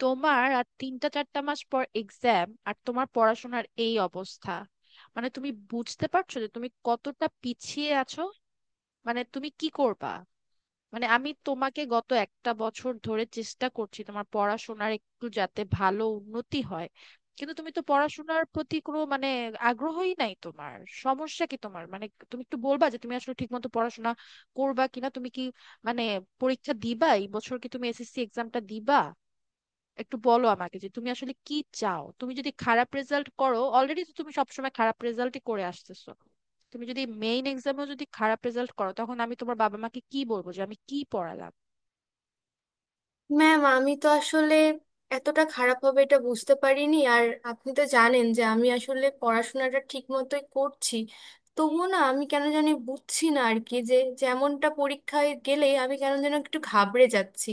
তোমার আর 3 4 মাস পর এক্সাম, আর তোমার পড়াশোনার এই অবস্থা! মানে তুমি বুঝতে পারছো যে তুমি কতটা পিছিয়ে আছো? মানে তুমি কি করবা? মানে আমি তোমাকে গত একটা বছর ধরে চেষ্টা করছি তোমার পড়াশোনার একটু যাতে ভালো উন্নতি হয়, কিন্তু তুমি তো পড়াশোনার প্রতি কোনো মানে আগ্রহই নাই। তোমার সমস্যা কি? তোমার মানে তুমি একটু বলবা যে তুমি আসলে ঠিকমতো পড়াশোনা করবা কিনা? তুমি কি মানে পরীক্ষা দিবা এই বছর? কি তুমি এসএসসি এক্সামটা দিবা? একটু বলো আমাকে যে তুমি আসলে কি চাও। তুমি যদি খারাপ রেজাল্ট করো, অলরেডি তো তুমি সবসময় খারাপ রেজাল্টই করে আসতেছো, তুমি যদি মেইন এক্সামেও যদি খারাপ রেজাল্ট করো, তখন আমি তোমার বাবা মাকে কি বলবো? যে আমি কি পড়ালাম? ম্যাম, আমি তো আসলে এতটা খারাপ হবে এটা বুঝতে পারিনি। আর আপনি তো জানেন যে আমি আসলে পড়াশোনাটা ঠিক মতোই করছি। তবুও না, আমি কেন জানি বুঝছি না আর কি যে, যেমনটা পরীক্ষায় গেলে আমি কেন যেন একটু ঘাবড়ে যাচ্ছি।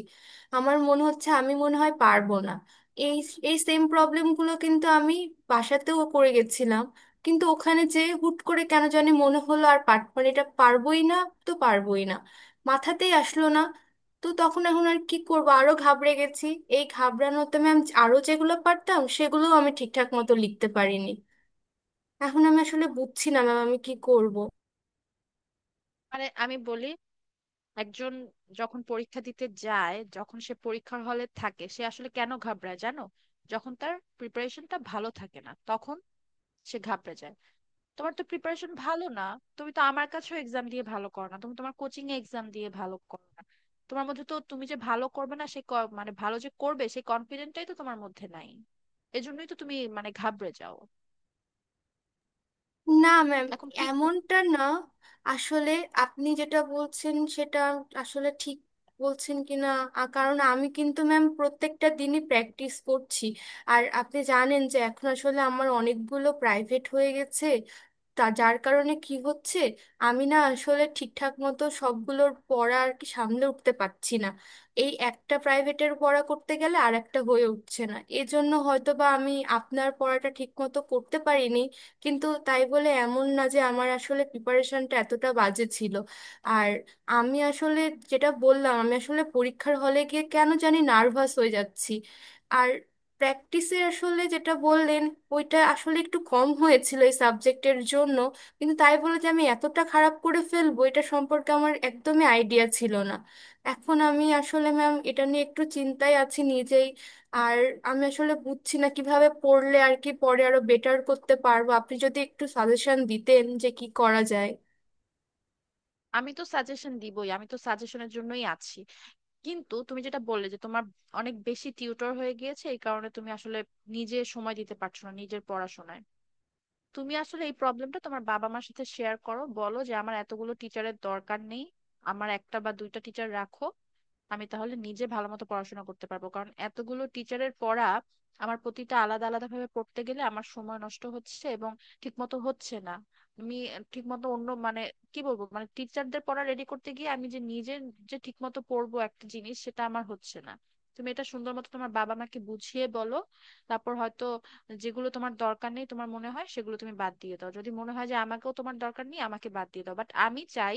আমার মনে হচ্ছে আমি মনে হয় পারবো না। এই এই সেম প্রবলেমগুলো কিন্তু আমি বাসাতেও করে গেছিলাম, কিন্তু ওখানে যে হুট করে কেন জানি মনে হলো আর মানে এটা পারবোই না, তো পারবোই না, মাথাতেই আসলো না। তো তখন এখন আর কি করবো, আরো ঘাবড়ে গেছি। এই ঘাবড়ানোতে ম্যাম, আরো যেগুলো পারতাম সেগুলোও আমি ঠিকঠাক মতো লিখতে পারিনি। এখন আমি আসলে বুঝছি না ম্যাম, আমি কি করব। মানে আমি বলি, একজন যখন পরীক্ষা দিতে যায়, যখন সে পরীক্ষার হলে থাকে, সে আসলে কেন ঘাবড়ায় জানো? যখন তার প্রিপারেশনটা ভালো থাকে না, তখন সে ঘাবড়ে যায়। তোমার তো প্রিপারেশন ভালো না। তুমি তো আমার কাছেও এক্সাম দিয়ে ভালো করো না, তুমি তোমার কোচিং এ এক্সাম দিয়ে ভালো করো না। তোমার মধ্যে তো তুমি যে ভালো করবে না, মানে ভালো যে করবে সেই কনফিডেন্টটাই তো তোমার মধ্যে নাই। এজন্যই তো তুমি মানে ঘাবড়ে যাও। না ম্যাম, এখন কি কু- এমনটা না। আসলে আপনি যেটা বলছেন সেটা আসলে ঠিক বলছেন কিনা, কারণ আমি কিন্তু ম্যাম প্রত্যেকটা দিনই প্র্যাকটিস করছি। আর আপনি জানেন যে এখন আসলে আমার অনেকগুলো প্রাইভেট হয়ে গেছে। তা যার কারণে কি হচ্ছে, আমি না আসলে ঠিকঠাক মতো সবগুলোর পড়া আর কি সামলে উঠতে পারছি না। এই একটা প্রাইভেটের পড়া করতে গেলে আর একটা হয়ে উঠছে না, এজন্য হয়তো বা আমি আপনার পড়াটা ঠিক মতো করতে পারিনি। কিন্তু তাই বলে এমন না যে আমার আসলে প্রিপারেশনটা এতটা বাজে ছিল। আর আমি আসলে যেটা বললাম, আমি আসলে পরীক্ষার হলে গিয়ে কেন জানি নার্ভাস হয়ে যাচ্ছি। আর প্র্যাকটিসে আসলে যেটা বললেন, ওইটা আসলে একটু কম হয়েছিল এই সাবজেক্টের জন্য। কিন্তু তাই বলে যে আমি এতটা খারাপ করে ফেলবো এটা সম্পর্কে আমার একদমই আইডিয়া ছিল না। এখন আমি আসলে ম্যাম এটা নিয়ে একটু চিন্তায় আছি নিজেই। আর আমি আসলে বুঝছি না কিভাবে পড়লে আর কি পরে আরো বেটার করতে পারবো, আপনি যদি একটু সাজেশন দিতেন যে কি করা যায়। আমি তো সাজেশন দিবই, আমি তো সাজেশনের জন্যই আছি। কিন্তু তুমি যেটা বললে যে তোমার অনেক বেশি টিউটর হয়ে গিয়েছে, এই কারণে তুমি আসলে নিজে সময় দিতে পারছো না নিজের পড়াশোনায়। তুমি আসলে এই প্রবলেমটা তোমার বাবা মার সাথে শেয়ার করো, বলো যে আমার এতগুলো টিচারের দরকার নেই। আমার একটা বা দুইটা টিচার রাখো, আমি তাহলে নিজে ভালো মতো পড়াশোনা করতে পারবো। কারণ এতগুলো টিচারের পড়া আমার প্রতিটা আলাদা আলাদা ভাবে পড়তে গেলে আমার সময় নষ্ট হচ্ছে এবং ঠিক মতো হচ্ছে না। আমি ঠিক মতো অন্য মানে কি বলবো, মানে টিচারদের পড়া রেডি করতে গিয়ে আমি যে নিজে যে ঠিক মতো পড়বো একটা জিনিস, সেটা আমার হচ্ছে না। তুমি এটা সুন্দর মতো তোমার বাবা মাকে বুঝিয়ে বলো। তারপর হয়তো যেগুলো তোমার দরকার নেই তোমার মনে হয়, সেগুলো তুমি বাদ দিয়ে দাও। যদি মনে হয় যে আমাকেও তোমার দরকার নেই, আমাকে বাদ দিয়ে দাও। বাট আমি চাই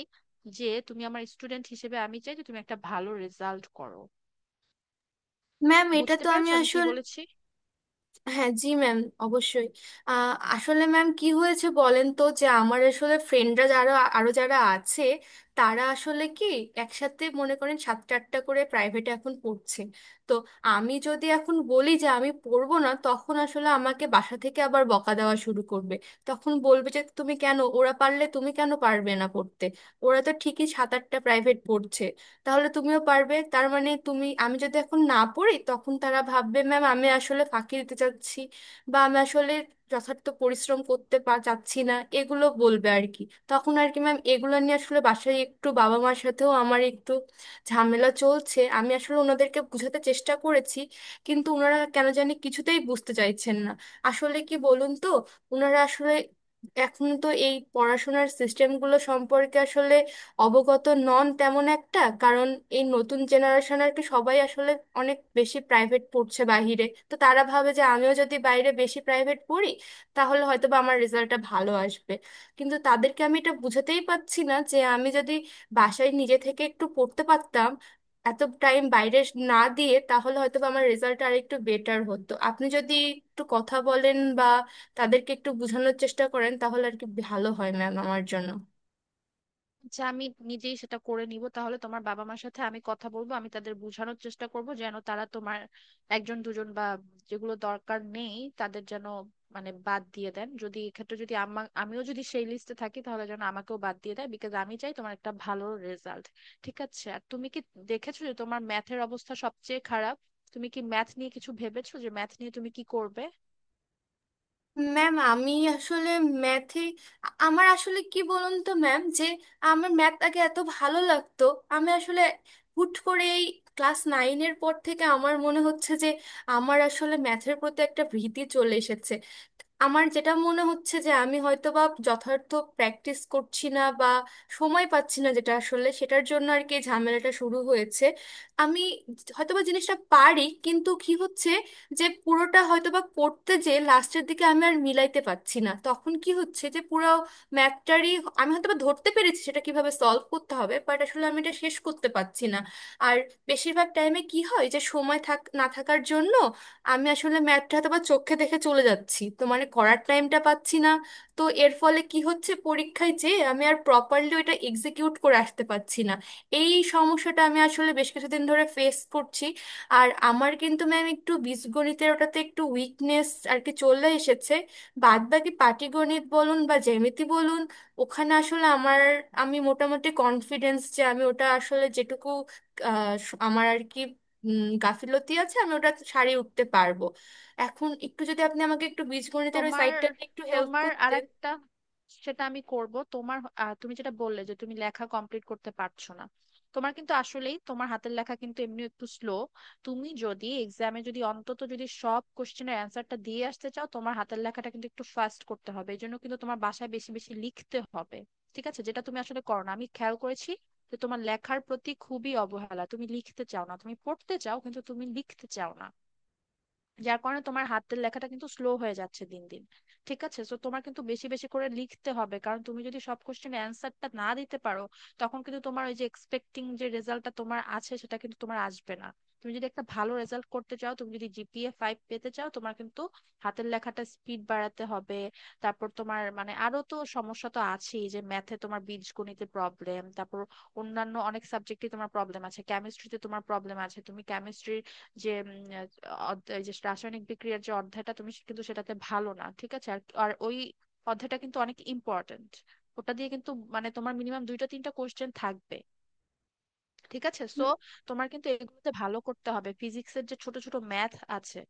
যে তুমি আমার স্টুডেন্ট হিসেবে, আমি চাই যে তুমি একটা ভালো রেজাল্ট করো। ম্যাম, এটা বুঝতে তো আমি পেরেছো আমি কি আসলে। বলেছি? হ্যাঁ জি ম্যাম, অবশ্যই। আসলে ম্যাম কি হয়েছে বলেন তো, যে আমার আসলে ফ্রেন্ডরা যারা আরো যারা আছে, তারা আসলে কি একসাথে মনে করেন সাতটা আটটা করে প্রাইভেটে এখন পড়ছে। তো আমি যদি এখন বলি যে আমি পড়বো না, তখন আসলে আমাকে বাসা থেকে আবার বকা দেওয়া শুরু করবে। তখন বলবে যে তুমি কেন, ওরা পারলে তুমি কেন পারবে না পড়তে, ওরা তো ঠিকই সাত আটটা প্রাইভেট পড়ছে, তাহলে তুমিও পারবে। তার মানে তুমি, আমি যদি এখন না পড়ি তখন তারা ভাববে ম্যাম, আমি আসলে ফাঁকি দিতে চাচ্ছি বা আমি আসলে যথার্থ পরিশ্রম করতে চাচ্ছি না, এগুলো বলবে আর কি। তখন আর কি ম্যাম, এগুলো নিয়ে আসলে বাসায় একটু বাবা মার সাথেও আমার একটু ঝামেলা চলছে। আমি আসলে ওনাদেরকে বোঝাতে চেষ্টা করেছি, কিন্তু ওনারা কেন জানি কিছুতেই বুঝতে চাইছেন না। আসলে কি বলুন তো, ওনারা আসলে এখন তো এই পড়াশোনার সিস্টেমগুলো সম্পর্কে আসলে অবগত নন তেমন একটা। কারণ এই নতুন জেনারেশন আর কি, সবাই আসলে অনেক বেশি প্রাইভেট পড়ছে বাহিরে। তো তারা ভাবে যে আমিও যদি বাইরে বেশি প্রাইভেট পড়ি তাহলে হয়তো বা আমার রেজাল্টটা ভালো আসবে। কিন্তু তাদেরকে আমি এটা বুঝাতেই পারছি না যে আমি যদি বাসায় নিজে থেকে একটু পড়তে পারতাম, এত টাইম বাইরে না দিয়ে, তাহলে হয়তো বা আমার রেজাল্ট আর একটু বেটার হতো। আপনি যদি একটু কথা বলেন বা তাদেরকে একটু বোঝানোর চেষ্টা করেন তাহলে আর কি ভালো হয় ম্যাম আমার জন্য। যে আমি নিজেই সেটা করে নিব। তাহলে তোমার বাবা মার সাথে আমি কথা বলবো, আমি তাদের বোঝানোর চেষ্টা করব যেন তারা তোমার একজন দুজন বা যেগুলো দরকার নেই তাদের যেন মানে বাদ দিয়ে দেন। যদি এক্ষেত্রে যদি আমিও যদি সেই লিস্টে থাকি, তাহলে যেন আমাকেও বাদ দিয়ে দেয়। বিকজ আমি চাই তোমার একটা ভালো রেজাল্ট। ঠিক আছে, আর তুমি কি দেখেছো যে তোমার ম্যাথের অবস্থা সবচেয়ে খারাপ? তুমি কি ম্যাথ নিয়ে কিছু ভেবেছো যে ম্যাথ নিয়ে তুমি কি করবে? ম্যাম, আমি আসলে ম্যাথে আমার আসলে কি বলুন তো ম্যাম, যে আমার ম্যাথ আগে এত ভালো লাগতো। আমি আসলে হুট করে এই ক্লাস নাইনের পর থেকে আমার মনে হচ্ছে যে আমার আসলে ম্যাথের প্রতি একটা ভীতি চলে এসেছে। আমার যেটা মনে হচ্ছে যে আমি হয়তো বা যথার্থ প্র্যাকটিস করছি না বা সময় পাচ্ছি না, যেটা আসলে সেটার জন্য আর কি এই ঝামেলাটা শুরু হয়েছে। আমি হয়তোবা জিনিসটা পারি, কিন্তু কি হচ্ছে যে পুরোটা হয়তোবা করতে, যে লাস্টের দিকে আমি আর মিলাইতে পারছি না। তখন কি হচ্ছে যে পুরো ম্যাথটারই আমি হয়তোবা ধরতে পেরেছি সেটা কিভাবে সলভ করতে হবে, বাট আসলে আমি এটা শেষ করতে পারছি না। আর বেশিরভাগ টাইমে কি হয় যে সময় থাক না থাকার জন্য আমি আসলে ম্যাথটা হয়তো বা চোখে দেখে চলে যাচ্ছি, তো মানে করার টাইমটা পাচ্ছি না। তো এর ফলে কি হচ্ছে পরীক্ষায়, যে আমি আর প্রপারলি ওটা এক্সিকিউট করে আসতে পারছি না। এই সমস্যাটা আমি আসলে বেশ কিছুদিন ধরে ফেস করছি। আর আমার কিন্তু ম্যাম একটু বীজগণিতের ওটাতে একটু উইকনেস আর কি চলে এসেছে। বাদ বাকি পাটিগণিত বলুন বা জ্যামিতি বলুন, ওখানে আসলে আমার, আমি মোটামুটি কনফিডেন্স যে আমি ওটা আসলে যেটুকু আহ, আমার আর কি গাফিলতি আছে আমি ওটা সারিয়ে উঠতে পারবো। এখন একটু যদি আপনি আমাকে একটু বীজগণিতের ওই তোমার সাইডটা একটু হেল্প তোমার করতেন। আরেকটা সেটা আমি করব। তোমার তুমি যেটা বললে যে তুমি লেখা কমপ্লিট করতে পারছো না, তোমার কিন্তু আসলেই তোমার হাতের লেখা কিন্তু এমনি একটু স্লো। তুমি যদি এক্সামে যদি অন্তত যদি সব কোশ্চেনের অ্যান্সারটা দিয়ে আসতে চাও, তোমার হাতের লেখাটা কিন্তু একটু ফাস্ট করতে হবে। এই জন্য কিন্তু তোমার বাসায় বেশি বেশি লিখতে হবে। ঠিক আছে, যেটা তুমি আসলে করো না, আমি খেয়াল করেছি যে তোমার লেখার প্রতি খুবই অবহেলা। তুমি লিখতে চাও না, তুমি পড়তে চাও কিন্তু তুমি লিখতে চাও না। যার কারণে তোমার হাতের লেখাটা কিন্তু স্লো হয়ে যাচ্ছে দিন দিন। ঠিক আছে, তো তোমার কিন্তু বেশি বেশি করে লিখতে হবে, কারণ তুমি যদি সব কোশ্চেনের অ্যান্সারটা না দিতে পারো, তখন কিন্তু তোমার ওই যে এক্সপেক্টিং যে রেজাল্টটা তোমার আছে, সেটা কিন্তু তোমার আসবে না। তুমি যদি একটা ভালো রেজাল্ট করতে চাও, তুমি যদি জিপিএ 5 পেতে চাও, তোমার কিন্তু হাতের লেখাটা স্পিড বাড়াতে হবে। তারপর তোমার মানে আরো তো সমস্যা তো আছেই, যে ম্যাথে তোমার বীজগণিতে প্রবলেম, তারপর অন্যান্য অনেক সাবজেক্টে তোমার প্রবলেম আছে। কেমিস্ট্রিতে তোমার প্রবলেম আছে, তুমি কেমিস্ট্রি যে যে রাসায়নিক বিক্রিয়ার যে অধ্যায়টা, তুমি কিন্তু সেটাতে ভালো না। ঠিক আছে, আর আর ওই অধ্যায়টা কিন্তু অনেক ইম্পর্ট্যান্ট। ওটা দিয়ে কিন্তু মানে তোমার মিনিমাম দুইটা তিনটা কোশ্চেন থাকবে। ঠিক আছে, সো উম, তোমার কিন্তু এগুলোতে ভালো করতে হবে। ফিজিক্সের যে ছোট ছোট ম্যাথ আছে,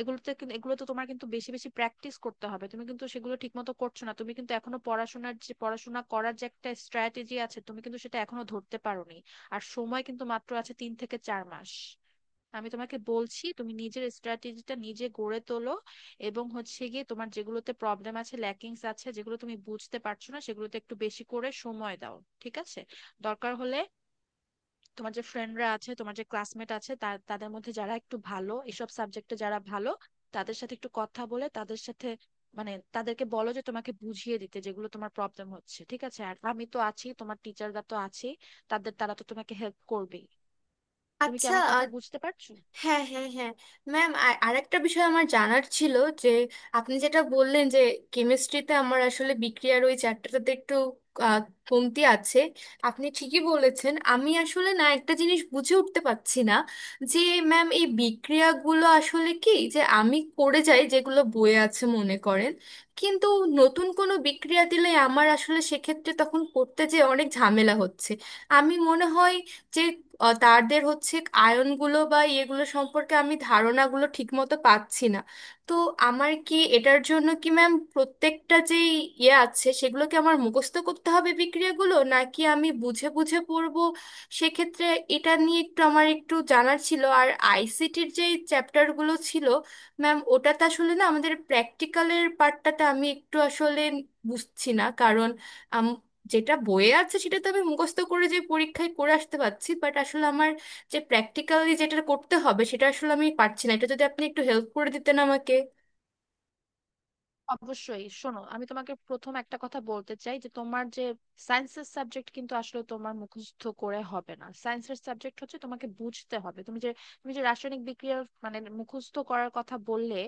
এগুলোতে কিন্তু এগুলোতে তোমার কিন্তু বেশি বেশি প্র্যাকটিস করতে হবে। তুমি কিন্তু সেগুলো ঠিক মতো করছো না। তুমি কিন্তু এখনো পড়াশোনার যে পড়াশোনা করার যে একটা স্ট্র্যাটেজি আছে, তুমি কিন্তু সেটা এখনো ধরতে পারোনি। আর সময় কিন্তু মাত্র আছে 3 থেকে 4 মাস। আমি তোমাকে বলছি, তুমি নিজের স্ট্র্যাটেজিটা নিজে গড়ে তোলো। এবং হচ্ছে গিয়ে তোমার যেগুলোতে প্রবলেম আছে, ল্যাকিংস আছে, যেগুলো তুমি বুঝতে পারছো না, সেগুলোতে একটু বেশি করে সময় দাও। ঠিক আছে, দরকার হলে তোমার যে ফ্রেন্ডরা আছে, তোমার যে ক্লাসমেট আছে, তাদের মধ্যে যারা একটু ভালো, এসব সাবজেক্টে যারা ভালো, তাদের সাথে একটু কথা বলে, তাদের সাথে মানে তাদেরকে বলো যে তোমাকে বুঝিয়ে দিতে যেগুলো তোমার প্রবলেম হচ্ছে। ঠিক আছে, আর আমি তো আছি, তোমার টিচাররা তো আছেই, তাদের তারা তো তোমাকে হেল্প করবেই। তুমি কি আচ্ছা। আমার কথা বুঝতে পারছো? হ্যাঁ, হ্যাঁ, হ্যাঁ। ম্যাম আর আরেকটা বিষয় আমার জানার ছিল, যে আপনি যেটা বললেন যে কেমিস্ট্রিতে আমার আসলে বিক্রিয়ার ওই চ্যাপ্টারটাতে একটু আহ, কমতি আছে। আপনি ঠিকই বলেছেন, আমি আসলে না একটা জিনিস বুঝে উঠতে পারছি না। যে ম্যাম এই বিক্রিয়াগুলো আসলে কি, যে আমি করে যাই যেগুলো বইয়ে আছে মনে করেন, কিন্তু নতুন কোনো বিক্রিয়া দিলে আমার আসলে সেক্ষেত্রে তখন করতে যে অনেক ঝামেলা হচ্ছে। আমি মনে হয় যে তাদের হচ্ছে আয়নগুলো বা ইয়েগুলো সম্পর্কে আমি ধারণাগুলো ঠিকমতো পাচ্ছি না। তো আমার কি এটার জন্য কি ম্যাম প্রত্যেকটা যে ইয়ে আছে সেগুলো কি আমার মুখস্থ করতে হবে বিক্রিয়াগুলো, নাকি আমি বুঝে বুঝে পড়বো সেক্ষেত্রে? এটা নিয়ে একটু আমার একটু জানার ছিল। আর আইসিটির যে চ্যাপ্টারগুলো ছিল ম্যাম, ওটাতে আসলে না আমাদের প্র্যাকটিক্যালের পার্টটাতে আমি একটু আসলে বুঝছি না। কারণ যেটা বইয়ে আছে সেটা তো আমি মুখস্থ করে যে পরীক্ষায় করে আসতে পারছি, বাট আসলে আমার যে প্র্যাকটিক্যালি যেটা করতে হবে সেটা আসলে আমি পারছি না। এটা যদি আপনি একটু হেল্প করে দিতেন আমাকে। অবশ্যই শোনো, আমি তোমাকে প্রথম একটা কথা বলতে চাই যে তোমার যে সায়েন্সের সাবজেক্ট কিন্তু আসলে তোমার মুখস্থ করে হবে না। সায়েন্সের সাবজেক্ট হচ্ছে তোমাকে বুঝতে হবে। তুমি যে রাসায়নিক বিক্রিয়া মানে মুখস্থ করার কথা বললে,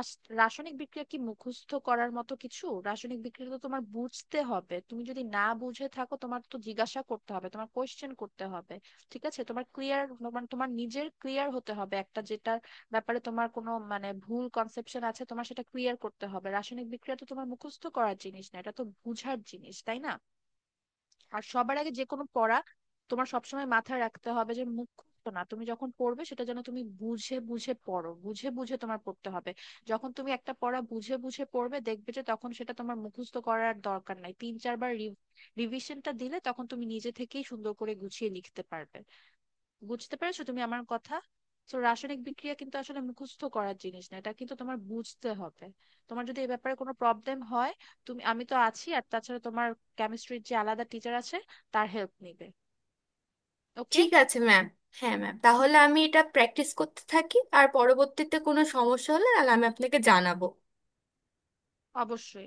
রাসায়নিক বিক্রিয়া কি মুখস্থ করার মতো কিছু? রাসায়নিক বিক্রিয়া তো তোমার বুঝতে হবে। তুমি যদি না বুঝে থাকো, তোমার তো জিজ্ঞাসা করতে হবে, তোমার কোয়েশ্চেন করতে হবে। ঠিক আছে? তোমার ক্লিয়ার মানে তোমার নিজের ক্লিয়ার হতে হবে একটা যেটা ব্যাপারে তোমার কোনো মানে ভুল কনসেপশন আছে, তোমার সেটা ক্লিয়ার করতে হবে। রাসায়নিক বিক্রিয়া তো তোমার মুখস্থ করার জিনিস না, এটা তো বুঝার জিনিস, তাই না? আর সবার আগে যে কোনো পড়া তোমার সবসময় মাথায় রাখতে হবে যে মুখস্থ না। তুমি যখন পড়বে, সেটা যেন তুমি বুঝে বুঝে পড়ো, বুঝে বুঝে তোমার পড়তে হবে। যখন তুমি একটা পড়া বুঝে বুঝে পড়বে, দেখবে যে তখন সেটা তোমার মুখস্থ করার দরকার নাই। 3 4 বার রিভিশনটা দিলে তখন তুমি নিজে থেকেই সুন্দর করে গুছিয়ে লিখতে পারবে। বুঝতে পেরেছো তুমি আমার কথা? তো রাসায়নিক বিক্রিয়া কিন্তু আসলে মুখস্থ করার জিনিস না, এটা কিন্তু তোমার বুঝতে হবে। তোমার যদি এই ব্যাপারে কোনো প্রবলেম হয়, তুমি আমি তো আছি, আর তাছাড়া তোমার কেমিস্ট্রির যে আলাদা টিচার আছে, তার হেল্প নিবে। ওকে? ঠিক আছে ম্যাম। হ্যাঁ ম্যাম, তাহলে আমি এটা প্র্যাকটিস করতে থাকি, আর পরবর্তীতে কোনো সমস্যা হলে তাহলে আমি আপনাকে জানাবো। অবশ্যই।